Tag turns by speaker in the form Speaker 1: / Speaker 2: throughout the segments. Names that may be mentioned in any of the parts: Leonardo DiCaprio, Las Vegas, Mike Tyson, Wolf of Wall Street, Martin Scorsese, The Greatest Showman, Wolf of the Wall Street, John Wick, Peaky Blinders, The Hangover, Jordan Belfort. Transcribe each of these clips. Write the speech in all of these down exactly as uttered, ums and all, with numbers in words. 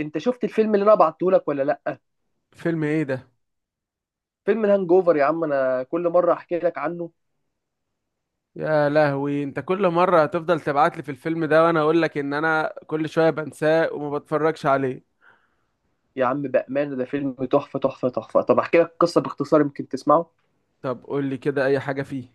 Speaker 1: انت شفت الفيلم اللي انا بعته لك ولا لا؟
Speaker 2: فيلم ايه ده؟
Speaker 1: فيلم الهانج اوفر يا عم، انا كل مره احكي لك عنه.
Speaker 2: يا لهوي، انت كل مره هتفضل تبعت لي في الفيلم ده وانا اقول لك ان انا كل شويه بنساه وما بتفرجش عليه.
Speaker 1: يا عم بامانه، ده فيلم تحفه تحفه تحفه. طب احكي لك قصه باختصار يمكن تسمعه.
Speaker 2: طب قول لي كده اي حاجه فيه.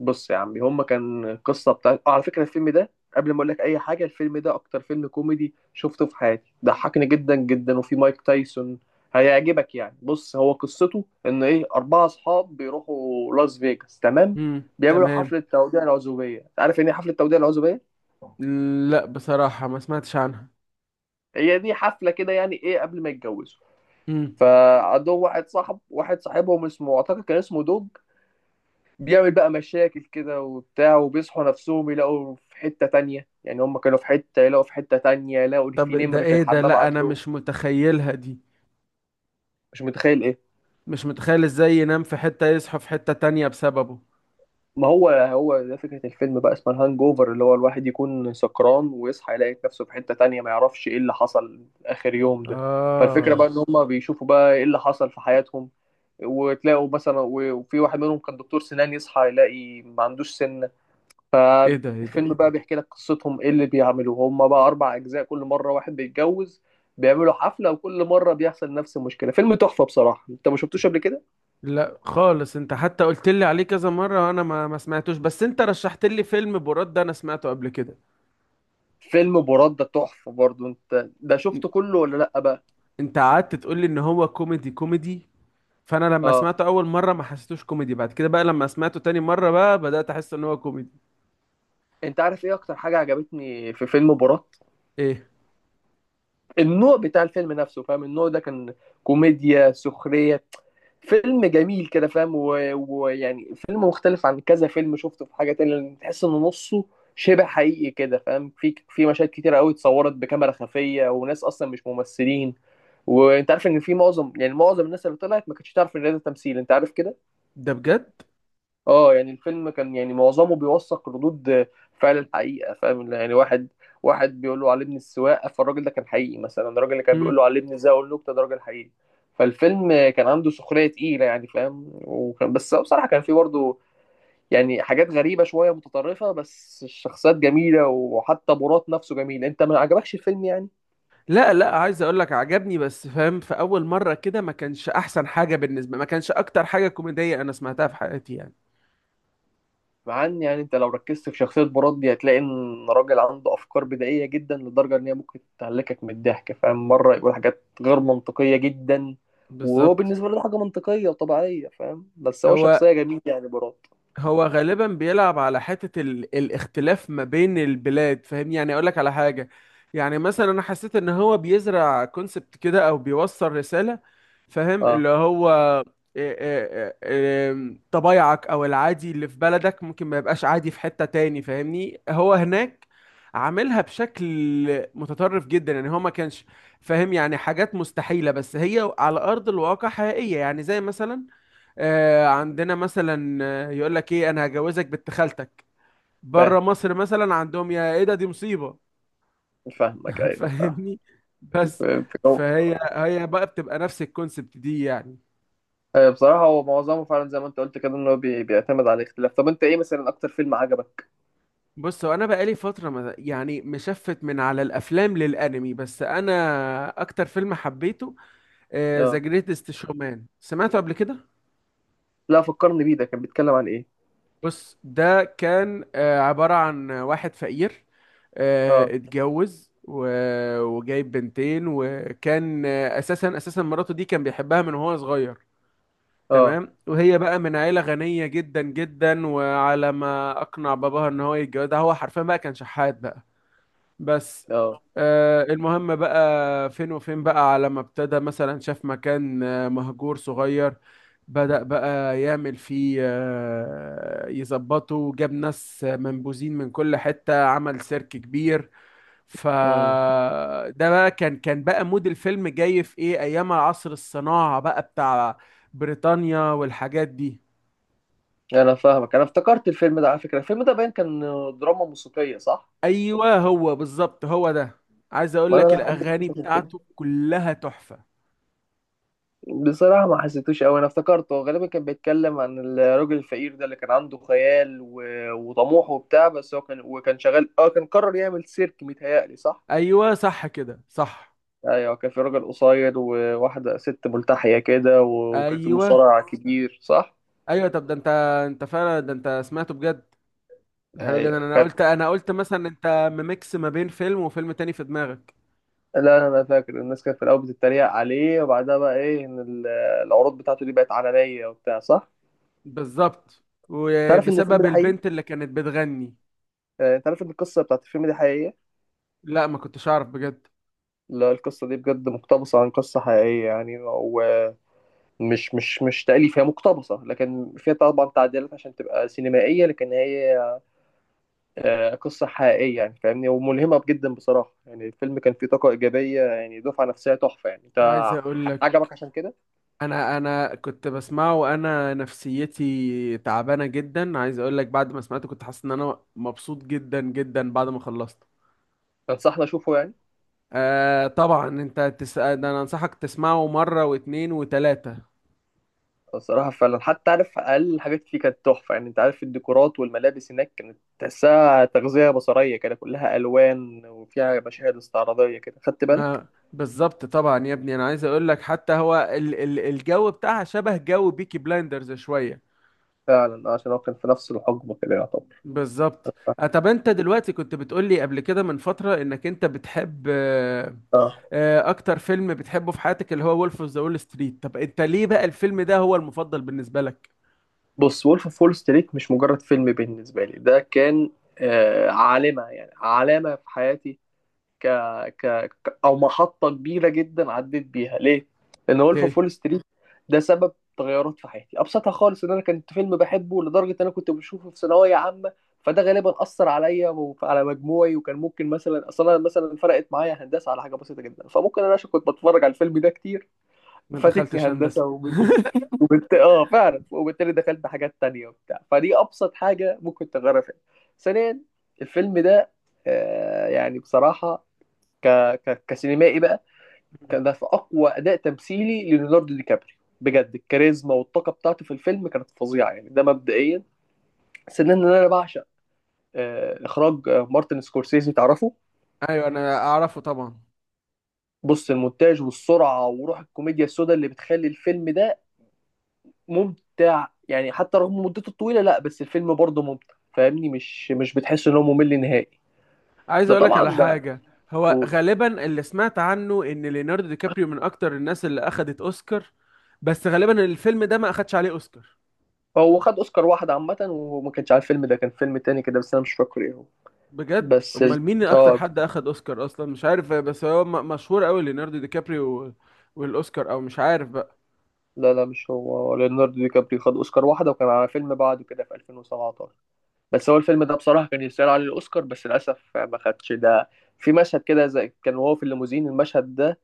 Speaker 1: بص يا عمي، هما كان قصه بتاع آه، على فكره الفيلم ده، قبل ما اقول لك اي حاجه، الفيلم ده اكتر فيلم كوميدي شفته في حياتي، ضحكني جدا جدا وفي مايك تايسون. هيعجبك يعني. بص، هو قصته ان ايه، اربعه اصحاب بيروحوا لاس فيجاس، تمام.
Speaker 2: امم
Speaker 1: بيعملوا
Speaker 2: تمام.
Speaker 1: حفله توديع العزوبيه. عارف يعني ايه حفله توديع العزوبيه؟
Speaker 2: لا بصراحه ما سمعتش عنها.
Speaker 1: هي دي حفله كده، يعني ايه، قبل ما يتجوزوا.
Speaker 2: امم
Speaker 1: فعندهم واحد صاحب، واحد صاحبهم اسمه، اعتقد كان اسمه دوج. بيعمل بقى مشاكل كده وبتاع، وبيصحوا نفسهم يلاقوا في حتة تانية. يعني هم كانوا في حتة يلاقوا في حتة تانية، يلاقوا إن في
Speaker 2: طب ده
Speaker 1: نمر في
Speaker 2: ايه ده؟
Speaker 1: الحمام
Speaker 2: لا انا
Speaker 1: عندهم.
Speaker 2: مش متخيلها دي.
Speaker 1: مش متخيل ايه؟
Speaker 2: مش متخيل ازاي ينام في حته يصحى في حته تانية بسببه.
Speaker 1: ما هو هو ده فكرة الفيلم، بقى اسمها الهانج اوفر، اللي هو الواحد يكون سكران ويصحى يلاقي نفسه في حتة تانية، ما يعرفش ايه اللي حصل آخر يوم ده. فالفكرة
Speaker 2: اه،
Speaker 1: بقى ان هم بيشوفوا بقى ايه اللي حصل في حياتهم. وتلاقوا مثلا، وفي واحد منهم كان دكتور سنان، يصحى يلاقي ما عندوش سن.
Speaker 2: ايه ده، ايه ده، ايه
Speaker 1: فالفيلم بقى
Speaker 2: ده؟
Speaker 1: بيحكي لك قصتهم، ايه اللي بيعملوه هم بقى. اربع اجزاء، كل مره واحد بيتجوز، بيعملوا حفله، وكل مره بيحصل نفس المشكله. فيلم تحفه بصراحه، انت ما شفتوش قبل كده.
Speaker 2: لا خالص، انت حتى قلت لي عليه كذا مره وانا ما ما سمعتوش، بس انت رشحت لي فيلم براد ده انا سمعته قبل كده.
Speaker 1: فيلم برده تحفه برضو، انت ده شفته كله ولا لا بقى.
Speaker 2: انت قعدت تقول لي ان هو كوميدي كوميدي، فانا لما
Speaker 1: اه.
Speaker 2: سمعته اول مره ما حسيتوش كوميدي، بعد كده بقى لما سمعته تاني مره بقى بدات احس ان هو كوميدي.
Speaker 1: انت عارف ايه اكتر حاجه عجبتني في فيلم براد؟
Speaker 2: ايه
Speaker 1: النوع بتاع الفيلم نفسه، فاهم؟ النوع ده كان كوميديا سخريه. فيلم جميل كده، فاهم؟ و- ويعني فيلم مختلف عن كذا فيلم شفته، في حاجة تانية لأن تحس إن نصه شبه حقيقي كده، فاهم؟ في في مشاهد كتيرة قوي اتصورت بكاميرا خفية، وناس أصلا مش ممثلين. وأنت عارف إن في معظم، يعني معظم الناس اللي طلعت ما كانتش تعرف إن ده تمثيل، أنت عارف كده.
Speaker 2: ده بجد؟
Speaker 1: اه. يعني الفيلم كان يعني معظمه بيوثق ردود فعل الحقيقة، فاهم؟ يعني واحد واحد بيقول له علمني السواقة، فالراجل ده كان حقيقي. مثلا الراجل اللي كان بيقول
Speaker 2: مم.
Speaker 1: له علمني ازاي اقول نكتة، ده راجل حقيقي. فالفيلم كان عنده سخرية تقيلة يعني، فاهم؟ وكان، بس بصراحة كان فيه برضه يعني حاجات غريبة شوية متطرفة، بس الشخصيات جميلة، وحتى مراد نفسه جميل. انت ما عجبكش الفيلم يعني؟
Speaker 2: لا لا، عايز اقول لك عجبني، بس فاهم في اول مره كده ما كانش احسن حاجه بالنسبه، ما كانش اكتر حاجه كوميديه انا سمعتها في حياتي يعني.
Speaker 1: مع ان يعني انت لو ركزت في شخصية براد دي، هتلاقي ان راجل عنده افكار بدائية جدا لدرجة ان هي ممكن تهلكك من الضحك، فاهم؟ مرة يقول حاجات غير منطقية جدا، وهو
Speaker 2: بالظبط.
Speaker 1: بالنسبة له ده حاجة منطقية وطبيعية، فاهم؟ بس هو
Speaker 2: هو
Speaker 1: شخصية جميلة يعني براد.
Speaker 2: هو غالبا بيلعب على حتة ال... الاختلاف ما بين البلاد، فاهمني؟ يعني اقول لك على حاجة. يعني مثلا انا حسيت ان هو بيزرع كونسبت كده او بيوصل رسالة، فاهم؟ اللي
Speaker 1: اه،
Speaker 2: هو إيه إيه إيه إيه طبايعك او العادي اللي في بلدك ممكن ما يبقاش عادي في حتة تاني، فاهمني؟ هو هناك عاملها بشكل متطرف جدا، يعني هو ما كانش فاهم، يعني حاجات مستحيلة بس هي على ارض الواقع حقيقية. يعني زي مثلا آه، عندنا مثلا آه، يقول لك ايه، انا هجوزك بنت خالتك.
Speaker 1: فاهم.
Speaker 2: بره مصر مثلا عندهم يا ايه ده، دي مصيبة.
Speaker 1: فاهمك، ايوه فاهم.
Speaker 2: فاهمني؟ بس
Speaker 1: فاهم.
Speaker 2: فهي هي بقى بتبقى نفس الكونسبت دي يعني.
Speaker 1: آه، بصراحة هو معظمه فعلا زي ما انت قلت كده، ان هو بي- بيعتمد على الاختلاف. طب انت ايه مثلا اكتر فيلم عجبك؟
Speaker 2: بص هو انا بقالي فترة ما- يعني مشفت من على الافلام للانمي، بس انا اكتر فيلم حبيته
Speaker 1: اه.
Speaker 2: ذا جريتست شومان، سمعته قبل كده؟
Speaker 1: لا، فكرني بيه، ده كان بيتكلم عن ايه؟
Speaker 2: بص، ده كان آه، عبارة عن واحد فقير،
Speaker 1: اه.
Speaker 2: آه، اتجوز و- وجايب بنتين، وكان آه، اساسا اساسا مراته دي كان بيحبها من وهو صغير.
Speaker 1: اه.
Speaker 2: تمام، وهي بقى من عيلة غنية جدا جدا، وعلى ما اقنع باباها ان هو يتجوزها هو حرفيا بقى كان شحات بقى. بس
Speaker 1: اه.
Speaker 2: آه، المهم بقى، فين وفين بقى على ما ابتدى مثلا شاف مكان آه، مهجور صغير، بدأ بقى يعمل فيه آه، يظبطه، جاب ناس آه، منبوذين من كل حتة، عمل سيرك كبير.
Speaker 1: مم.
Speaker 2: فده بقى كان كان بقى مود الفيلم جاي في ايه، ايام عصر الصناعة بقى بتاع بريطانيا والحاجات دي.
Speaker 1: انا فاهمك، انا افتكرت الفيلم ده. على فكره الفيلم ده باين كان دراما موسيقيه، صح؟
Speaker 2: ايوه، هو بالظبط، هو ده. عايز اقول
Speaker 1: ما
Speaker 2: لك
Speaker 1: انا بحب
Speaker 2: الاغاني
Speaker 1: القصص كده.
Speaker 2: بتاعته كلها تحفة.
Speaker 1: بصراحه ما حسيتوش قوي. انا افتكرته، هو غالبا كان بيتكلم عن الراجل الفقير ده اللي كان عنده خيال و... وطموح وبتاع. بس هو كان وكان شغال، اه كان قرر يعمل سيرك، متهيألي صح.
Speaker 2: ايوه صح كده صح.
Speaker 1: ايوه، كان في راجل قصير وواحده ست ملتحيه كده و- وكان في
Speaker 2: ايوه،
Speaker 1: مصارع كبير، صح؟
Speaker 2: ايوه، طب ده انت، انت فعلا ده انت سمعته بجد. ده حلو
Speaker 1: ايوه
Speaker 2: جدا، انا
Speaker 1: كان.
Speaker 2: قلت انا قلت مثلا انت ميكس ما بين فيلم وفيلم تاني في دماغك.
Speaker 1: لا، انا فاكر الناس كانت في الاول بتتريق عليه، وبعدها بقى ايه، ان ال- العروض بتاعته دي بقت عالميه وبتاع، صح؟
Speaker 2: بالظبط،
Speaker 1: تعرف ان الفيلم
Speaker 2: وبسبب
Speaker 1: ده حقيقي؟
Speaker 2: البنت اللي كانت بتغني.
Speaker 1: آه، تعرف ان القصه بتاعت الفيلم دي حقيقيه؟
Speaker 2: لا ما كنتش اعرف بجد.
Speaker 1: لا، القصه دي بجد مقتبسه عن قصه حقيقيه يعني، ومش مش مش تأليف. هي مقتبسه، لكن فيها طبعا تعديلات عشان تبقى سينمائيه، لكن هي آه، قصه حقيقيه يعني، فاهمني؟ وملهمه جدا بصراحه. يعني الفيلم كان فيه طاقه ايجابيه يعني، دفعه نفسيه تحفه يعني. انت
Speaker 2: عايز اقول لك،
Speaker 1: عجبك عشان كده؟
Speaker 2: انا انا كنت بسمعه وانا نفسيتي تعبانه جدا، عايز اقول لك بعد ما سمعته كنت حاسس ان انا مبسوط جدا جدا بعد ما خلصت.
Speaker 1: تنصحني اشوفه يعني؟
Speaker 2: آه طبعا، انت تسأل ده؟ انا انصحك تسمعه مرة واتنين وتلاتة.
Speaker 1: الصراحة فعلا، حتى عارف، أقل الحاجات فيه كانت تحفة. يعني أنت عارف الديكورات والملابس هناك، كانت تحسها تغذية بصرية كده، كلها ألوان وفيها مشاهد استعراضية كده. خدت بالك؟
Speaker 2: ما بالظبط. طبعا يا ابني، انا عايز اقول لك حتى هو ال ال الجو بتاعها شبه جو بيكي بلايندرز شويه.
Speaker 1: فعلا آه، عشان هو كان في نفس الحقبة كده يعتبر.
Speaker 2: بالظبط. آه، طب انت دلوقتي كنت بتقول لي قبل كده من فتره انك انت بتحب آه،
Speaker 1: آه.
Speaker 2: آه، اكتر فيلم بتحبه في حياتك اللي هو وولف اوف ذا وول ستريت، طب انت ليه بقى الفيلم ده هو المفضل بالنسبه لك؟
Speaker 1: بص، وولف أوف وول ستريت مش مجرد فيلم بالنسبة لي، ده كان آه علامة يعني، علامة في حياتي. ك... ك... ك- او محطه كبيره جدا عديت بيها ليه، لان وولف اوف
Speaker 2: ليه
Speaker 1: وول ستريت ده سبب تغيرات في حياتي. ابسطها خالص، ان انا كنت فيلم بحبه لدرجه ان انا كنت بشوفه في ثانويه عامه. فده غالبا اثر عليا وعلى مجموعي، وكان ممكن مثلا، اصلا مثلا فرقت معايا هندسه على حاجه بسيطه جدا. فممكن انا، عشان كنت بتفرج على الفيلم ده كتير،
Speaker 2: ما
Speaker 1: فاتتني
Speaker 2: دخلتش هندسه؟
Speaker 1: هندسه وب- وبت... اه فعلا، وبالتالي دخلت حاجات تانية وبتاع. فدي ابسط حاجه ممكن تغيرها فيها. ثانيا، الفيلم ده آه، يعني بصراحة ك... ك... كسينمائي بقى،
Speaker 2: مم.
Speaker 1: كان ده في اقوى اداء تمثيلي لليوناردو دي كابريو بجد. الكاريزما والطاقه بتاعته في الفيلم كانت فظيعه يعني. ده مبدئيا. ثانيا، ان انا بعشق آه، اخراج آه، مارتن سكورسيزي، تعرفه؟
Speaker 2: ايوه انا اعرفه طبعا.
Speaker 1: بص، المونتاج والسرعه وروح الكوميديا السوداء اللي بتخلي الفيلم ده ممتع يعني، حتى رغم مدته الطويله. لا بس الفيلم برضه ممتع، فاهمني؟ مش مش بتحس ان هو ممل نهائي.
Speaker 2: عايز
Speaker 1: ده
Speaker 2: اقول لك
Speaker 1: طبعا
Speaker 2: على
Speaker 1: ده.
Speaker 2: حاجه. هو
Speaker 1: قول.
Speaker 2: غالبا اللي سمعت عنه ان ليوناردو دي كابريو من اكتر الناس اللي اخدت اوسكار، بس غالبا الفيلم ده ما اخدش عليه اوسكار.
Speaker 1: هو خد اوسكار واحد عامه، وما كانش على الفيلم ده، كان فيلم تاني كده بس انا مش فاكر ايه هو.
Speaker 2: بجد؟
Speaker 1: بس ال-
Speaker 2: امال مين اكتر
Speaker 1: اه.
Speaker 2: حد اخد اوسكار اصلا مش عارف، بس هو م- مشهور قوي ليوناردو دي كابريو وال- والاوسكار او مش عارف بقى.
Speaker 1: لا لا مش هو، هو ليوناردو دي كابريو خد اوسكار واحده، وكان على فيلم بعده كده في ألفين وسبعتاشر. بس هو الفيلم ده بصراحه كان يستاهل عليه الاوسكار، بس للاسف ما خدش ده. في مشهد كده، زي كان وهو في الليموزين، المشهد ده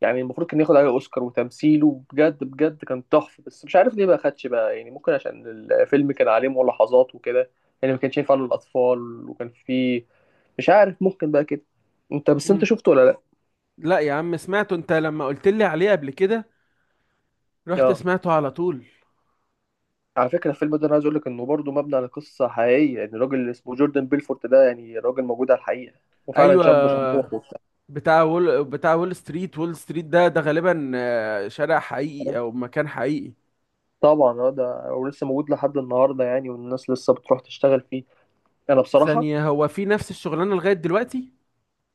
Speaker 1: يعني المفروض كان ياخد عليه اوسكار. وتمثيله بجد بجد كان تحفه، بس مش عارف ليه ما خدش بقى. يعني ممكن عشان الفيلم كان عليه ملاحظات وكده، يعني ما كانش ينفع للاطفال، وكان فيه، مش عارف، ممكن بقى كده. انت بس، انت
Speaker 2: مم.
Speaker 1: شفته ولا لا؟
Speaker 2: لا يا عم، سمعته انت لما قلت لي عليه قبل كده، رحت
Speaker 1: اه.
Speaker 2: سمعته على طول.
Speaker 1: على فكرة الفيلم ده أنا عايز أقول لك إنه برضه مبني على قصة حقيقية. يعني الراجل اللي اسمه جوردن بيلفورت ده، يعني راجل موجود على الحقيقة، وفعلا
Speaker 2: ايوه،
Speaker 1: شاب طموح وبتاع.
Speaker 2: بتاع وول بتاع وول ستريت، وول ستريت ده ده غالبا آه، شارع حقيقي او مكان حقيقي.
Speaker 1: طبعا اه، ده ولسه موجود لحد النهارده يعني، والناس لسه بتروح تشتغل فيه. انا بصراحه
Speaker 2: ثانية، هو في نفس الشغلانة لغاية دلوقتي؟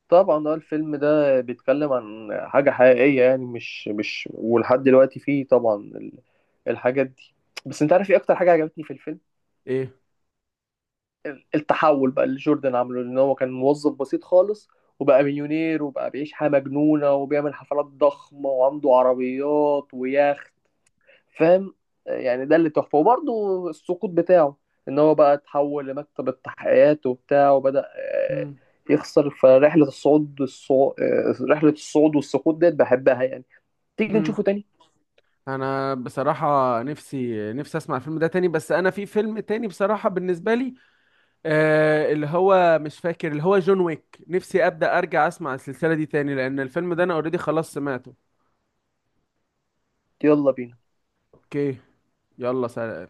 Speaker 1: طبعا اه، الفيلم ده بيتكلم عن حاجه حقيقيه يعني، مش مش ولحد دلوقتي فيه طبعا ال- الحاجات دي. بس انت عارف ايه اكتر حاجه عجبتني في الفيلم؟
Speaker 2: ايه؟
Speaker 1: التحول بقى اللي جوردن عمله، لان هو كان موظف بسيط خالص وبقى مليونير، وبقى بيعيش حياة مجنونة وبيعمل حفلات ضخمة وعنده عربيات ويخت. فاهم يعني؟ ده اللي تحفة. وبرضه السقوط بتاعه، ان هو بقى اتحول لمكتب التحقيقات وبتاع، وبدأ آه،
Speaker 2: مم.
Speaker 1: يخسر. فرحلة الصعود الصعود رحلة الصعود والسقوط ديت بحبها يعني. تيجي
Speaker 2: مم.
Speaker 1: نشوفه تاني؟
Speaker 2: انا بصراحة نفسي نفسي اسمع الفيلم ده تاني، بس انا في فيلم تاني بصراحة بالنسبة لي، آه اللي هو مش فاكر، اللي هو جون ويك، نفسي ابدأ ارجع اسمع السلسلة دي تاني، لان الفيلم ده انا اوريدي خلاص سمعته.
Speaker 1: يلا بينا
Speaker 2: اوكي، يلا سلام.